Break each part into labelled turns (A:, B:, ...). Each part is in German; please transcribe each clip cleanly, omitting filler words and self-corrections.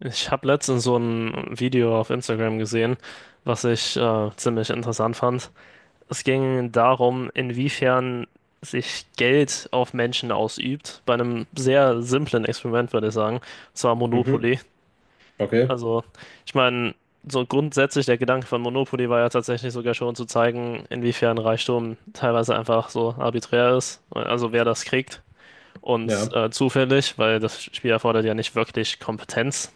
A: Ich habe letztens so ein Video auf Instagram gesehen, was ich ziemlich interessant fand. Es ging darum, inwiefern sich Geld auf Menschen ausübt, bei einem sehr simplen Experiment, würde ich sagen, und zwar
B: Mhm.
A: Monopoly.
B: Okay.
A: Also, ich meine, so grundsätzlich der Gedanke von Monopoly war ja tatsächlich sogar schon zu zeigen, inwiefern Reichtum teilweise einfach so arbiträr ist, also wer das kriegt und
B: Ja.
A: zufällig, weil das Spiel erfordert ja nicht wirklich Kompetenz,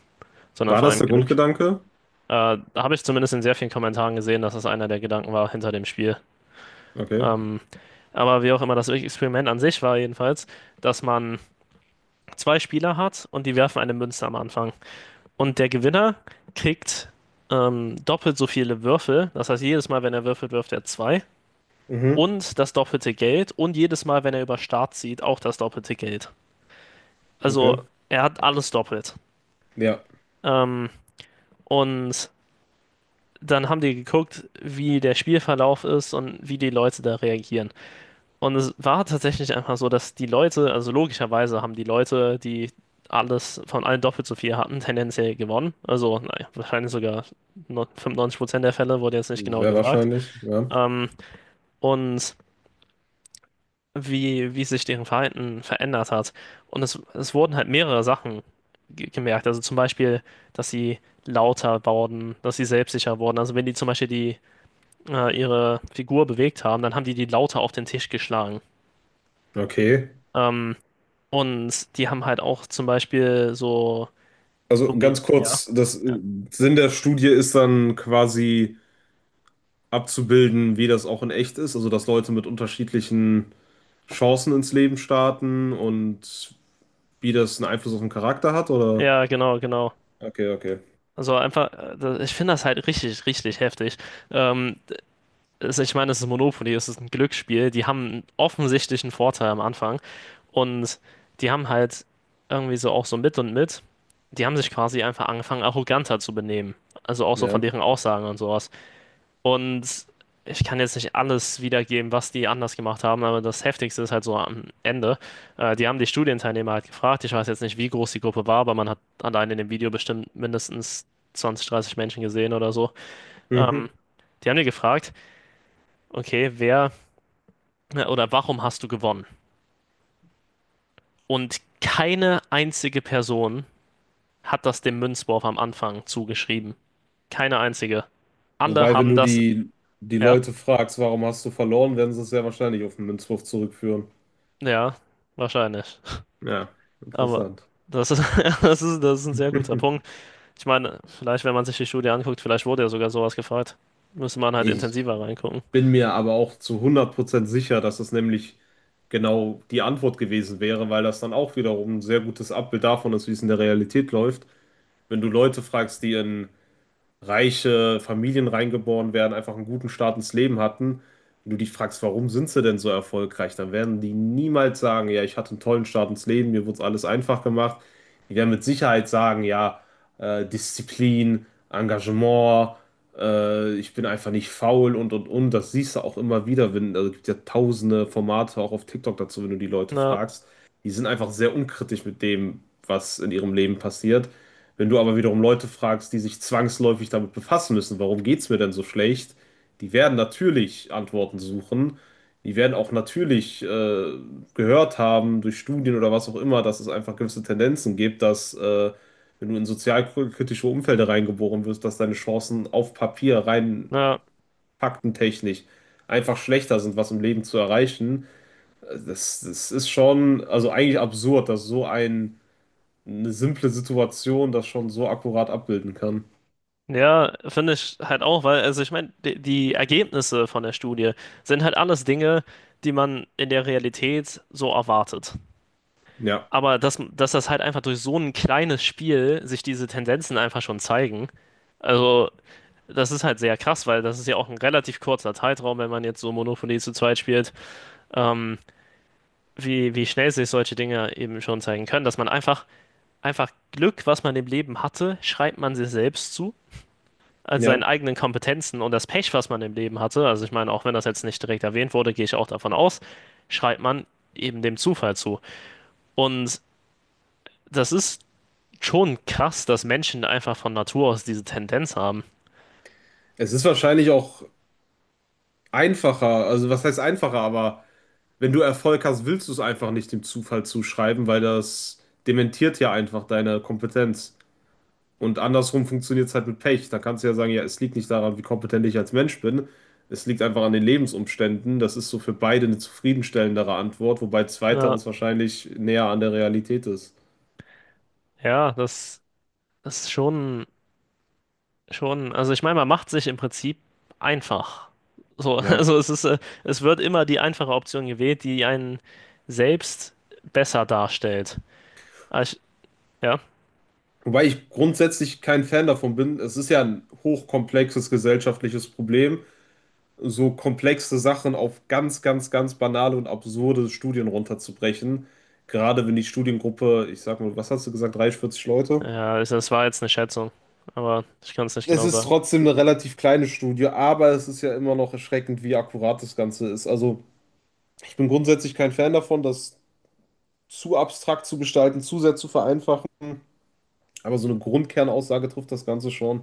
A: sondern
B: War
A: vor
B: das
A: allem
B: der
A: Glück.
B: Grundgedanke?
A: Habe ich zumindest in sehr vielen Kommentaren gesehen, dass das einer der Gedanken war hinter dem Spiel.
B: Okay.
A: Ähm, aber wie auch immer, das Experiment an sich war jedenfalls, dass man zwei Spieler hat und die werfen eine Münze am Anfang. Und der Gewinner kriegt doppelt so viele Würfel. Das heißt, jedes Mal, wenn er würfelt, wirft er zwei.
B: Mhm.
A: Und das doppelte Geld. Und jedes Mal, wenn er über Start zieht, auch das doppelte Geld. Also
B: Okay.
A: er hat alles doppelt.
B: Ja.
A: Ähm, und dann haben die geguckt, wie der Spielverlauf ist und wie die Leute da reagieren. Und es war tatsächlich einfach so, dass die Leute, also logischerweise haben die Leute, die alles von allen doppelt so viel hatten, tendenziell gewonnen. Also naja, wahrscheinlich sogar 95% der Fälle, wurde jetzt nicht genau
B: Sehr
A: gesagt.
B: wahrscheinlich. Ja.
A: Ähm, und wie sich deren Verhalten verändert hat. Und es wurden halt mehrere Sachen gemerkt. Also zum Beispiel, dass sie lauter wurden, dass sie selbstsicher wurden. Also wenn die zum Beispiel ihre Figur bewegt haben, dann haben die die lauter auf den Tisch geschlagen.
B: Okay.
A: Ähm, Und die haben halt auch zum Beispiel so
B: Also
A: Domin
B: ganz
A: ja.
B: kurz, das
A: Ja,
B: Sinn der Studie ist dann quasi abzubilden, wie das auch in echt ist, also dass Leute mit unterschiedlichen Chancen ins Leben starten und wie das einen Einfluss auf den Charakter hat, oder?
A: ja, genau, genau.
B: Okay, okay.
A: Also einfach, ich finde das halt richtig, richtig heftig. Ähm, Ich meine, es ist Monopoly, es ist ein Glücksspiel. Die haben einen offensichtlichen Vorteil am Anfang. Und die haben halt irgendwie so auch so mit und mit. Die haben sich quasi einfach angefangen, arroganter zu benehmen. Also auch so von
B: Ja.
A: deren Aussagen und sowas. Und ich kann jetzt nicht alles wiedergeben, was die anders gemacht haben, aber das Heftigste ist halt so am Ende. Die haben die Studienteilnehmer halt gefragt. Ich weiß jetzt nicht, wie groß die Gruppe war, aber man hat allein in dem Video bestimmt mindestens 20, 30 Menschen gesehen oder so. Ähm,
B: Mhm.
A: Die haben die gefragt, okay, wer oder warum hast du gewonnen? Und keine einzige Person hat das dem Münzwurf am Anfang zugeschrieben. Keine einzige. Alle
B: Wobei, wenn
A: haben
B: du
A: das.
B: die
A: Ja,
B: Leute fragst, warum hast du verloren, werden sie es sehr wahrscheinlich auf den Münzwurf zurückführen.
A: ja, wahrscheinlich.
B: Ja,
A: Aber
B: interessant.
A: das ist, das ist ein sehr guter Punkt. Ich meine, vielleicht, wenn man sich die Studie anguckt, vielleicht wurde ja sogar sowas gefragt. Müsste man halt
B: Ich
A: intensiver reingucken.
B: bin mir aber auch zu 100% sicher, dass es nämlich genau die Antwort gewesen wäre, weil das dann auch wiederum ein sehr gutes Abbild davon ist, wie es in der Realität läuft. Wenn du Leute fragst, die in reiche Familien reingeboren werden, einfach einen guten Start ins Leben hatten. Wenn du dich fragst, warum sind sie denn so erfolgreich, dann werden die niemals sagen: Ja, ich hatte einen tollen Start ins Leben, mir wurde es alles einfach gemacht. Die werden mit Sicherheit sagen: Ja, Disziplin, Engagement, ich bin einfach nicht faul und und. Das siehst du auch immer wieder, wenn, also es gibt ja tausende Formate auch auf TikTok dazu, wenn du die Leute
A: Na,
B: fragst. Die sind einfach sehr unkritisch mit dem, was in ihrem Leben passiert. Wenn du aber wiederum Leute fragst, die sich zwangsläufig damit befassen müssen, warum geht's mir denn so schlecht, die werden natürlich Antworten suchen. Die werden auch natürlich gehört haben durch Studien oder was auch immer, dass es einfach gewisse Tendenzen gibt, dass wenn du in sozialkritische Umfelder reingeboren wirst, dass deine Chancen auf Papier rein
A: na,
B: faktentechnisch einfach schlechter sind, was im Leben zu erreichen. Das, das ist schon, also eigentlich absurd, dass eine simple Situation das schon so akkurat abbilden kann.
A: ja, finde ich halt auch, weil, also ich meine, die Ergebnisse von der Studie sind halt alles Dinge, die man in der Realität so erwartet.
B: Ja,
A: Aber dass das halt einfach durch so ein kleines Spiel sich diese Tendenzen einfach schon zeigen, also das ist halt sehr krass, weil das ist ja auch ein relativ kurzer Zeitraum, wenn man jetzt so Monopoly zu zweit spielt. Ähm, wie schnell sich solche Dinge eben schon zeigen können, dass man einfach, einfach Glück, was man im Leben hatte, schreibt man sich selbst zu, also seinen
B: ja.
A: eigenen Kompetenzen und das Pech, was man im Leben hatte, also ich meine, auch wenn das jetzt nicht direkt erwähnt wurde, gehe ich auch davon aus, schreibt man eben dem Zufall zu. Und das ist schon krass, dass Menschen einfach von Natur aus diese Tendenz haben.
B: Es ist wahrscheinlich auch einfacher, also was heißt einfacher, aber wenn du Erfolg hast, willst du es einfach nicht dem Zufall zuschreiben, weil das dementiert ja einfach deine Kompetenz. Und andersrum funktioniert es halt mit Pech. Da kannst du ja sagen: Ja, es liegt nicht daran, wie kompetent ich als Mensch bin. Es liegt einfach an den Lebensumständen. Das ist so für beide eine zufriedenstellendere Antwort, wobei
A: Na,
B: zweiteres wahrscheinlich näher an der Realität ist.
A: ja, das ist schon, also ich meine, man macht sich im Prinzip einfach. So,
B: Ja.
A: also es wird immer die einfache Option gewählt, die einen selbst besser darstellt. Ah, ja,
B: Wobei ich grundsätzlich kein Fan davon bin. Es ist ja ein hochkomplexes gesellschaftliches Problem, so komplexe Sachen auf ganz, ganz, ganz banale und absurde Studien runterzubrechen. Gerade wenn die Studiengruppe, ich sag mal, was hast du gesagt, 30, 40 Leute?
A: ja, also das war jetzt eine Schätzung, aber ich kann es nicht
B: Es
A: genau
B: ist
A: sagen.
B: trotzdem eine relativ kleine Studie, aber es ist ja immer noch erschreckend, wie akkurat das Ganze ist. Also ich bin grundsätzlich kein Fan davon, das zu abstrakt zu gestalten, zu sehr zu vereinfachen. Aber so eine Grundkernaussage trifft das Ganze schon.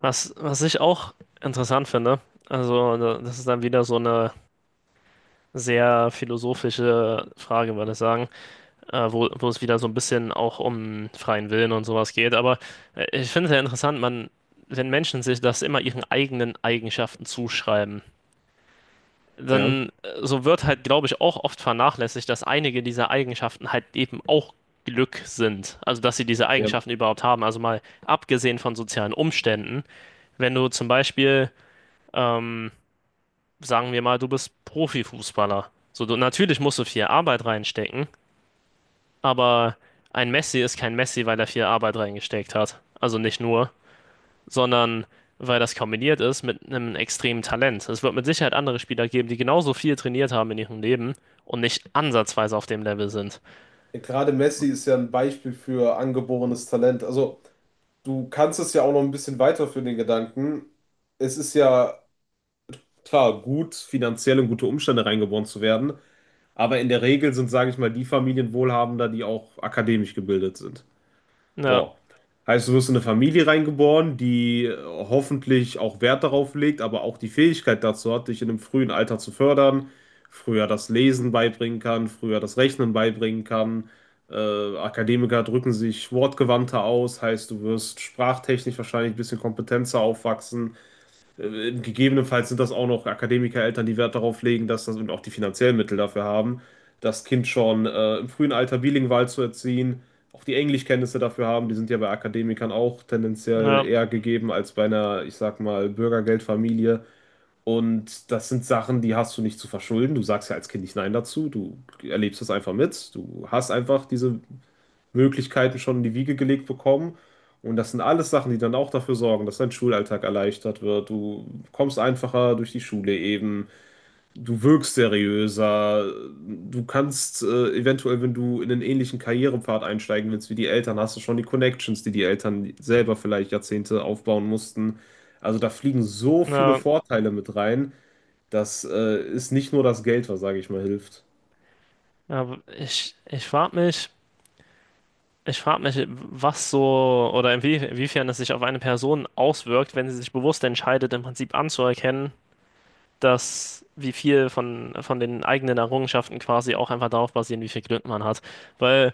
A: Was ich auch interessant finde, also das ist dann wieder so eine sehr philosophische Frage, würde ich sagen. Wo es wieder so ein bisschen auch um freien Willen und sowas geht. Aber ich finde es ja interessant, man, wenn Menschen sich das immer ihren eigenen Eigenschaften zuschreiben,
B: Ja,
A: dann so wird halt, glaube ich, auch oft vernachlässigt, dass einige dieser Eigenschaften halt eben auch Glück sind. Also, dass sie diese
B: ja.
A: Eigenschaften überhaupt haben. Also mal abgesehen von sozialen Umständen, wenn du zum Beispiel, ähm, sagen wir mal, du bist Profifußballer. So, du, natürlich musst du viel Arbeit reinstecken, aber ein Messi ist kein Messi, weil er viel Arbeit reingesteckt hat. Also nicht nur, sondern weil das kombiniert ist mit einem extremen Talent. Es wird mit Sicherheit andere Spieler geben, die genauso viel trainiert haben in ihrem Leben und nicht ansatzweise auf dem Level sind.
B: Gerade Messi ist ja ein Beispiel für angeborenes Talent. Also, du kannst es ja auch noch ein bisschen weiterführen, den Gedanken. Es ist ja klar, gut, finanziell in gute Umstände reingeboren zu werden, aber in der Regel sind, sage ich mal, die Familien wohlhabender, die auch akademisch gebildet sind.
A: Ja,
B: So. Heißt, du wirst in eine Familie reingeboren, die hoffentlich auch Wert darauf legt, aber auch die Fähigkeit dazu hat, dich in einem frühen Alter zu fördern, früher das Lesen beibringen kann, früher das Rechnen beibringen kann. Akademiker drücken sich wortgewandter aus, heißt, du wirst sprachtechnisch wahrscheinlich ein bisschen kompetenter aufwachsen. Gegebenenfalls sind das auch noch Akademikereltern, die Wert darauf legen, dass das und auch die finanziellen Mittel dafür haben, das Kind schon im frühen Alter bilingual zu erziehen, auch die Englischkenntnisse dafür haben. Die sind ja bei Akademikern auch
A: ja,
B: tendenziell eher gegeben als bei einer, ich sag mal, Bürgergeldfamilie. Und das sind Sachen, die hast du nicht zu verschulden. Du sagst ja als Kind nicht Nein dazu. Du erlebst das einfach mit. Du hast einfach diese Möglichkeiten schon in die Wiege gelegt bekommen. Und das sind alles Sachen, die dann auch dafür sorgen, dass dein Schulalltag erleichtert wird. Du kommst einfacher durch die Schule eben. Du wirkst seriöser. Du kannst eventuell, wenn du in einen ähnlichen Karrierepfad einsteigen willst wie die Eltern, hast du schon die Connections, die die Eltern selber vielleicht Jahrzehnte aufbauen mussten. Also da fliegen so viele
A: ja,
B: Vorteile mit rein. Das ist nicht nur das Geld, was, sage ich mal, hilft.
A: ja, ich frag mich, was so oder inwiefern es sich auf eine Person auswirkt, wenn sie sich bewusst entscheidet, im Prinzip anzuerkennen, dass wie viel von den eigenen Errungenschaften quasi auch einfach darauf basieren, wie viel Glück man hat. Weil,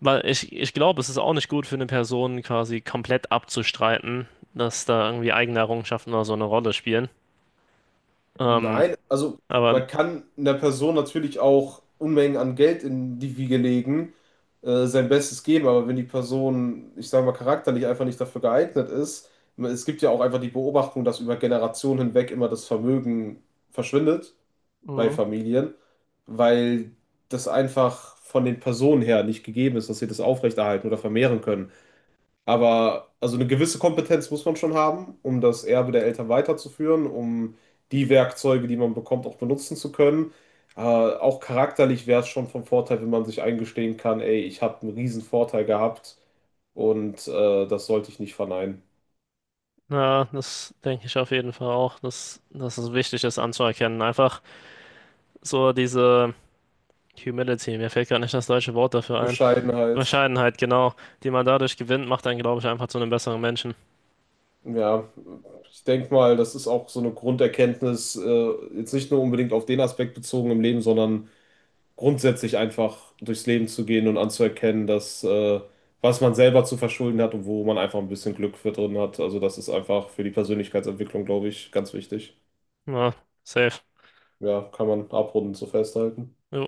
A: weil ich glaube, es ist auch nicht gut für eine Person quasi komplett abzustreiten, dass da irgendwie eigene Errungenschaften oder so eine Rolle spielen. Ähm,
B: Nein, also
A: aber
B: man kann einer Person natürlich auch Unmengen an Geld in die Wiege legen, sein Bestes geben, aber wenn die Person, ich sage mal, charakterlich einfach nicht dafür geeignet ist, es gibt ja auch einfach die Beobachtung, dass über Generationen hinweg immer das Vermögen verschwindet bei
A: Mhm.
B: Familien, weil das einfach von den Personen her nicht gegeben ist, dass sie das aufrechterhalten oder vermehren können. Aber also eine gewisse Kompetenz muss man schon haben, um das Erbe der Eltern weiterzuführen, um die Werkzeuge, die man bekommt, auch benutzen zu können. Auch charakterlich wäre es schon vom Vorteil, wenn man sich eingestehen kann: Ey, ich habe einen riesen Vorteil gehabt und das sollte ich nicht verneinen.
A: Na, das denke ich auf jeden Fall auch, dass es wichtig ist anzuerkennen. Einfach so diese Humility, mir fällt gerade nicht das deutsche Wort dafür ein.
B: Bescheidenheit.
A: Bescheidenheit, genau, die man dadurch gewinnt, macht einen, glaube ich, einfach zu einem besseren Menschen.
B: Ja, ich denke mal, das ist auch so eine Grunderkenntnis, jetzt nicht nur unbedingt auf den Aspekt bezogen im Leben, sondern grundsätzlich einfach durchs Leben zu gehen und anzuerkennen, dass was man selber zu verschulden hat und wo man einfach ein bisschen Glück für drin hat. Also das ist einfach für die Persönlichkeitsentwicklung, glaube ich, ganz wichtig.
A: Ja, safe.
B: Ja, kann man abrundend so festhalten.
A: Jo.